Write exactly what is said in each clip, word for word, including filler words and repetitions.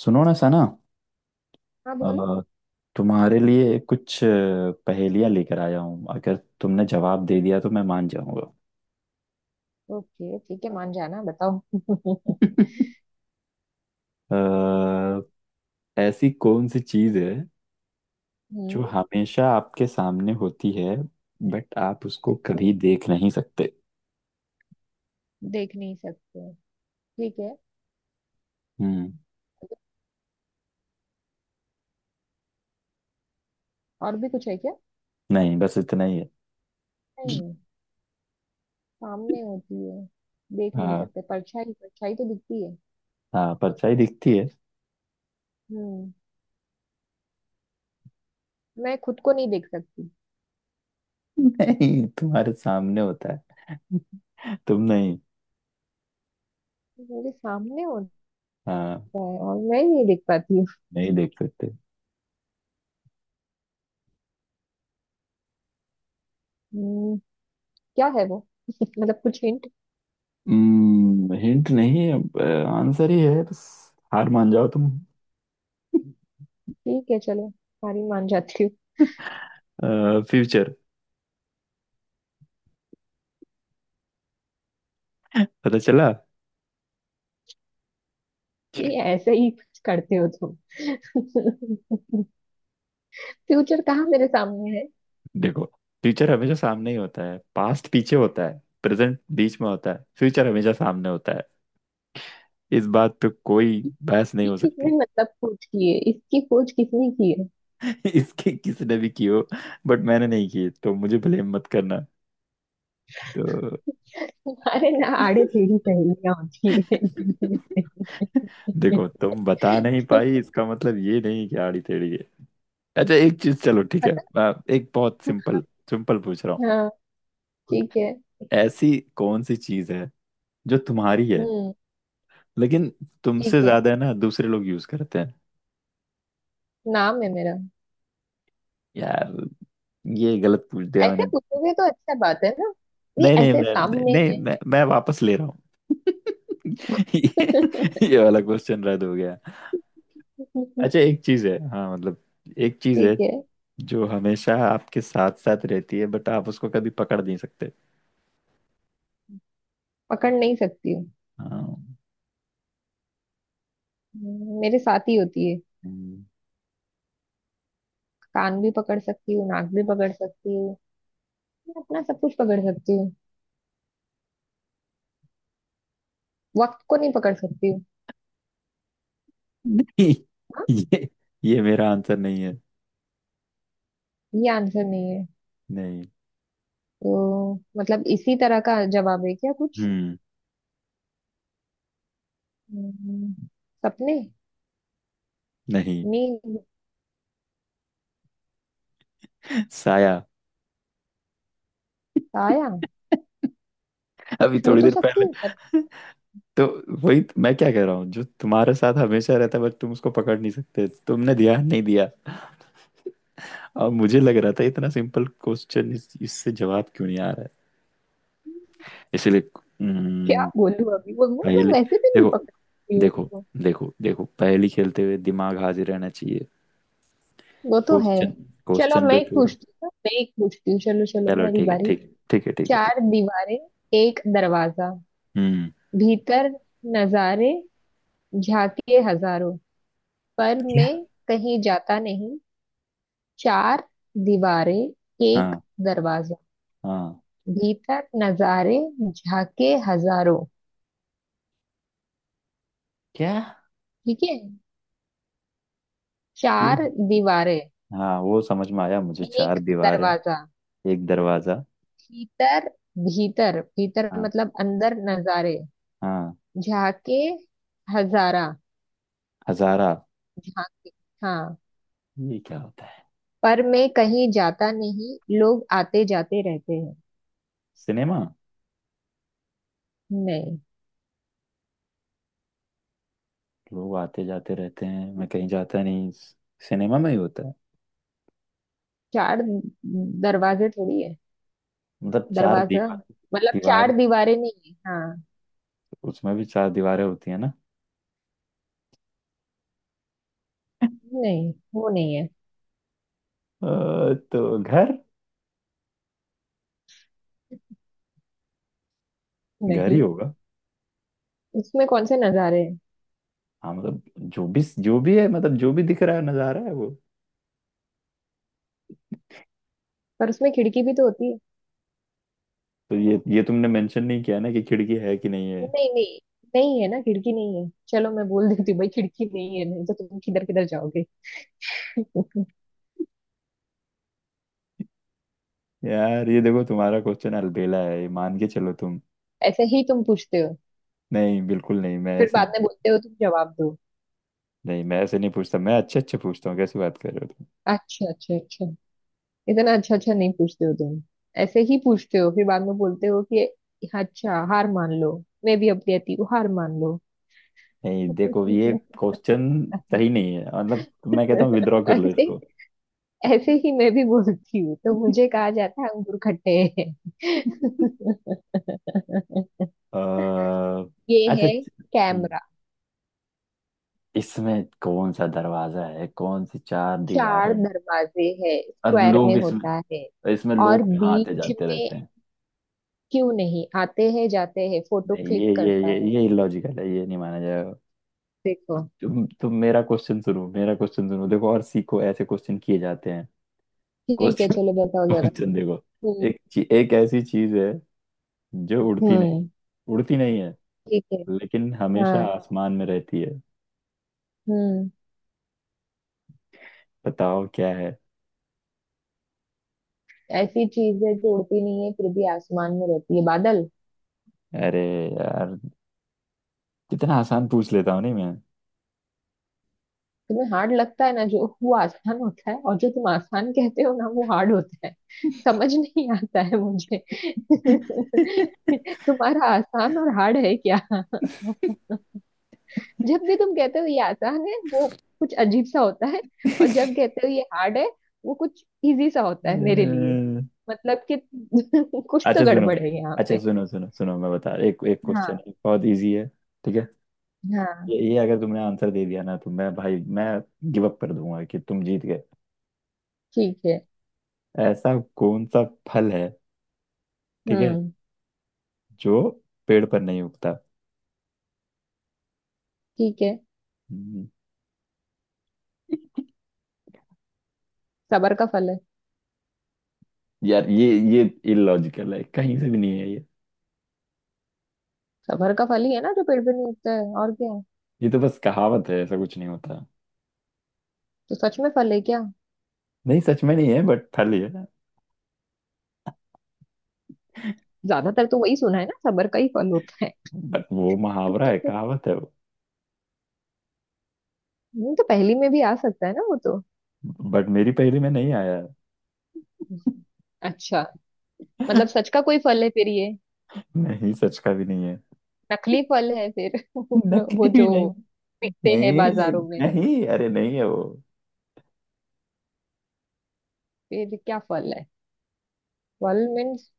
सुनो ना सना। हाँ, बोलो। अ, तुम्हारे लिए कुछ पहेलियां लेकर आया हूँ। अगर तुमने जवाब दे दिया तो मैं मान जाऊंगा। ओके, ठीक है, मान जाना, बताओ। हम्म। अ, ऐसी कौन सी चीज है जो हमेशा आपके सामने होती है बट आप उसको ठीक है, कभी देख नहीं सकते। देख नहीं सकते। ठीक है। हम्म। और भी कुछ है क्या? नहीं बस इतना ही है। नहीं, सामने होती है, देख नहीं हाँ, सकते। परछाई, परछाई तो दिखती है। हाँ परछाई दिखती है। हम्म। मैं खुद को नहीं देख सकती। नहीं, तुम्हारे सामने होता है, तुम नहीं। मेरे सामने होता हाँ, है और मैं नहीं देख पाती हूँ। नहीं देख सकते। हम्म, क्या है वो? मतलब कुछ हिंट। हम्म, हिंट नहीं अब, आंसर ही है बस। हार मान जाओ तुम। ठीक है, चलो, सारी मान जाती हूँ। फ्यूचर। पता चला। ये ऐसे ही कुछ करते हो तुम। फ्यूचर कहाँ मेरे सामने है? देखो, फ्यूचर हमेशा सामने ही होता है, पास्ट पीछे होता है, प्रेजेंट बीच में होता है, फ्यूचर हमेशा सामने होता है। इस बात पे कोई बहस नहीं ये हो किसने, सकती। मतलब खोज की है, इसकी खोज किसने की है? इसकी किसने भी की हो बट मैंने नहीं की, तो मुझे ब्लेम मत करना तो। अरे ना, आड़े टेढ़ी सहेलियां होती है। देखो, तुम बता नहीं तो पाई इसका मतलब ये नहीं कि आड़ी टेढ़ी। अच्छा एक चीज, चलो ठीक है। पता आ, एक बहुत था? सिंपल, सिंपल पूछ रहा हूँ। हाँ, ठीक है। ऐसी कौन सी चीज है जो तुम्हारी है हम्म। लेकिन तुमसे ठीक है, ज्यादा है ना दूसरे लोग यूज करते हैं। नाम है मेरा। यार, ये गलत पूछ दिया ऐसे मैंने। पूछोगे तो अच्छा बात है ना। ये नहीं नहीं ऐसे मैं सामने नहीं है। मैं, मैं वापस ले रहा हूँ। ये, ये वाला क्वेश्चन रद्द हो गया। अच्छा एक चीज है, हाँ मतलब एक चीज है ठीक है, जो हमेशा आपके साथ साथ रहती है बट आप उसको कभी पकड़ नहीं सकते। पकड़ नहीं सकती हूँ। हाँ। हम्म, मेरे साथ ही होती है। हम्म। कान भी पकड़ सकती हूँ, नाक भी पकड़ सकती हूँ। मैं अपना सब कुछ पकड़ सकती हूँ। वक्त को नहीं पकड़ सकती हूँ। नहीं, हाँ, ये ये मेरा आंसर नहीं है। ये आंसर नहीं। नहीं। तो मतलब इसी तरह का जवाब है क्या कुछ? हम्म। हम्म, सपने। नहीं। नींद। साया। आया। अभी छू थोड़ी तो देर सकती पहले हूँ पर। तो, वही तो मैं क्या कह रहा हूँ, जो तुम्हारे साथ हमेशा रहता है बट तुम उसको पकड़ नहीं सकते। तुमने दिया नहीं, दिया। और मुझे लग रहा था इतना सिंपल क्वेश्चन, इस, इससे जवाब क्यों नहीं आ रहा है, इसीलिए। क्या हम्म, बोलूँ अभी, वो वो मैं पहेली। वैसे भी नहीं देखो, पकड़ सकती हूँ देखो, उसको। देखो देखो पहेली खेलते हुए दिमाग हाजिर रहना चाहिए। वो तो है। क्वेश्चन, चलो अब क्वेश्चन पे मैं एक पूरा। पूछती हूँ। हाँ, मैं एक पूछती हूँ, चलो चलो, चलो, मेरी ठीक है बारी। ठीक है ठीक है ठीक है ठीक। चार दीवारें, एक दरवाजा, हम्म। भीतर नजारे, झांकिए हजारों, पर क्या? मैं कहीं जाता नहीं। चार दीवारें, एक हाँ। दरवाजा, हाँ। भीतर नजारे, झाके हजारों। क्या? ठीक है। चार दीवारें, हाँ, वो समझ में आया मुझे, चार एक दीवार है, दरवाजा, एक दरवाजा, भीतर भीतर भीतर हाँ, मतलब अंदर नजारे, हाँ, झाके हजारा, हजारा। झाके। हाँ, ये क्या होता है? पर मैं कहीं जाता नहीं, लोग आते जाते रहते हैं। सिनेमा। नहीं, लोग आते जाते रहते हैं, मैं कहीं जाता नहीं, सिनेमा में ही होता है। चार दरवाजे थोड़ी है। मतलब चार दरवाजा दीवार, मतलब दीवार, चार दीवारें नहीं है। हाँ, उसमें भी चार दीवारें होती है ना। नहीं वो नहीं है। अ, तो घर, घर ही नहीं, होगा। उसमें कौन से नजारे हैं? हाँ मतलब जो भी, जो भी है, मतलब जो भी दिख रहा है नजारा है वो। पर उसमें खिड़की भी तो होती है। तो ये, ये तुमने मेंशन नहीं किया ना कि खिड़की है कि नहीं है। नहीं नहीं, नहीं है ना, खिड़की नहीं है, चलो मैं बोल देती हूँ भाई, खिड़की नहीं है, नहीं तो तुम किधर किधर जाओगे। यार, ये देखो तुम्हारा क्वेश्चन अलबेला है, ये मान के चलो तुम। ऐसे ही तुम पूछते हो, नहीं बिल्कुल नहीं, मैं फिर ऐसे बाद में नहीं। बोलते हो तुम जवाब दो। नहीं मैं ऐसे नहीं पूछता, मैं अच्छे अच्छे पूछता हूँ, कैसी बात कर रहे हो तुम। अच्छा अच्छा अच्छा, इतना अच्छा अच्छा नहीं पूछते हो तुम। ऐसे ही पूछते हो फिर बाद में बोलते हो कि अच्छा हार मान लो। मैं भी अब कहती हूँ हार मान लो। नहीं देखो, ये क्वेश्चन सही नहीं है, मतलब मैं कहता हूँ विद्रॉ कर लो ऐसे इसको। ऐसे ही मैं भी बोलती हूँ तो मुझे कहा जाता है अंगूर खट्टे हैं। अह, ये अच्छा है हम्म, कैमरा। इसमें कौन सा दरवाजा है, कौन सी चार दीवारें चार हैं? दरवाजे हैं, और स्क्वायर लोग में इसमें, होता है। इसमें और लोग कहाँ आते बीच जाते में रहते हैं? क्यों नहीं आते हैं जाते हैं, फोटो नहीं, ये क्लिक ये करता ये है। ये इलॉजिकल है, ये नहीं माना जाएगा। देखो, तुम तुम मेरा क्वेश्चन सुनो, मेरा क्वेश्चन सुनो, देखो और सीखो ऐसे क्वेश्चन किए जाते हैं। ठीक है, क्वेश्चन, चलो बताओ जरा। क्वेश्चन देखो। हम्म। एक ची- एक ऐसी चीज है जो उड़ती नहीं, हम्म। उड़ती नहीं है ठीक है। लेकिन हमेशा हाँ। आसमान में रहती है। हम्म। बताओ क्या है। ऐसी चीज है जो उड़ती नहीं है फिर भी आसमान में रहती है, बादल। अरे यार, कितना आसान पूछ लेता हूँ नहीं मैं। तुम्हें हार्ड लगता है ना जो, वो आसान होता है, और जो तुम आसान कहते हो ना, वो हार्ड होता है। समझ नहीं आता है मुझे। तुम्हारा आसान और हार्ड है क्या? जब भी तुम कहते हो ये आसान है, वो कुछ अजीब सा होता है। और जब कहते हो ये हार्ड है, वो कुछ इजी सा होता है मेरे लिए। अ, मतलब कि कुछ तो अच्छा सुनो, गड़बड़ है यहाँ अच्छा पे। सुनो सुनो सुनो, मैं बता एक एक क्वेश्चन हाँ। है बहुत इजी है, ठीक है? हाँ, ये, ये अगर तुमने आंसर दे दिया ना तो मैं, भाई मैं गिव अप कर दूंगा कि तुम जीत गए। ठीक है। ऐसा कौन सा फल है, ठीक है, हम्म। जो पेड़ पर नहीं उगता। ठीक है, सबर का फल है। यार, ये ये इलॉजिकल है, कहीं से भी नहीं है ये। सबर का फल ही है ना जो पेड़ पे नहीं उगता है, और क्या है। ये तो बस कहावत है, ऐसा कुछ नहीं होता। तो सच में फल है क्या? नहीं सच में नहीं है बट फली है। ज्यादातर तो वही सुना है ना, सबर का ही फल होता है। बट वो मुहावरा है, नहीं, कहावत है वो। तो पहली में भी आ सकता है ना वो तो। बट मेरी पहेली में नहीं आया। अच्छा, मतलब सच का कोई फल है फिर ये? नहीं सच का भी नहीं है। नकली फल है फिर, नकली वो भी जो नहीं। मिलते हैं नहीं, बाजारों में। नहीं, अरे नहीं है वो। फिर क्या फल है? फल मीन्स,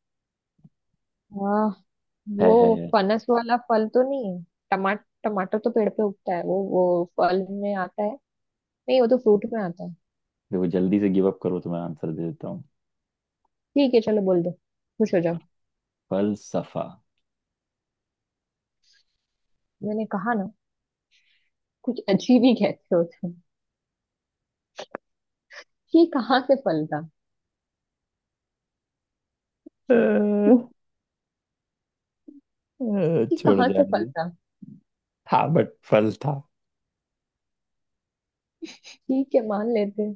हाँ, है, है, वो है। फनस वाला फल तो नहीं है। टमाटर, टमाटर तो पेड़ पे उगता है, वो वो फल में आता है। नहीं वो तो फ्रूट में आता है। देखो, जल्दी से गिव अप करो तो मैं आंसर दे देता हूँ। ठीक है चलो बोल दो, खुश हो जाओ। फलसफा। मैंने कहा ना, कुछ अजीब ही कहते हो तुम। ये कहाँ से फल था? अ, अ, ये छोड़, कहाँ से जाने फल दे। था? हाँ बट फल था। ठीक है मान लेते हैं।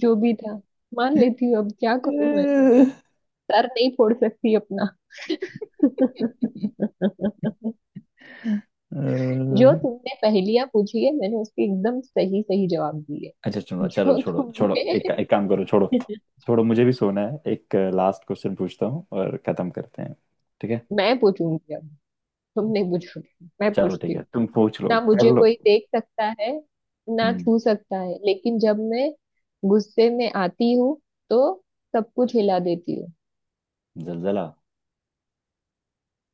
जो भी था, मान लेती हूँ, अब क्या अ, करूं मैं। सर नहीं फोड़ सकती अपना। अ, जो तुमने पहेलियां पूछी है, मैंने उसके एकदम सही सही जवाब दिए। अच्छा चलो चलो, जो छोड़ो छोड़ो, तुमने एक एक काम करो, छोड़ो। छोड़ो, मुझे भी सोना है, एक लास्ट क्वेश्चन पूछता हूँ और खत्म करते हैं, ठीक है? मैं पूछूंगी अब, तुम नहीं पूछोगे, मैं चलो पूछती ठीक है, हूँ। तुम पूछ लो, ना कर मुझे लो। कोई देख सकता है, ना हम्म। छू सकता है, लेकिन जब मैं गुस्से में आती हूँ तो सब कुछ हिला देती हूँ। जलजला।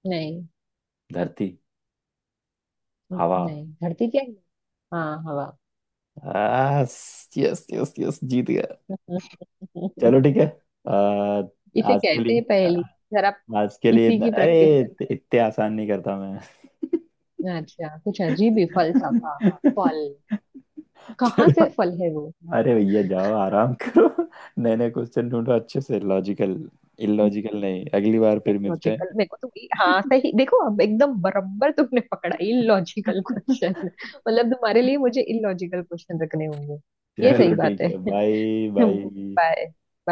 नहीं। धरती। न- हवा। नहीं धरती क्या है? हाँ, हवा। यस, यस यस यस, जीत गया। चलो ठीक है। आ, इसे आज के कहते हैं लिए, पहेली जरा। आज के लिए इसी इतना, की प्रैक्टिस अरे कर। इत- इतने आसान नहीं करता मैं। अच्छा, कुछ अजीब ही फलसफा फल। चलो, कहाँ से फल है वो? अरे भैया जाओ आराम करो। नए नए क्वेश्चन ढूंढो, अच्छे से लॉजिकल, इलॉजिकल नहीं। अगली बार फिर मिलते लॉजिकल मेरे को तुम, हाँ सही, देखो अब एकदम बराबर तुमने पकड़ा, हैं। Illogical question. मतलब तुम्हारे लिए मुझे इलॉजिकल क्वेश्चन रखने होंगे। ये सही चलो बात ठीक है। है, बाय, बाय। बाय। बाय।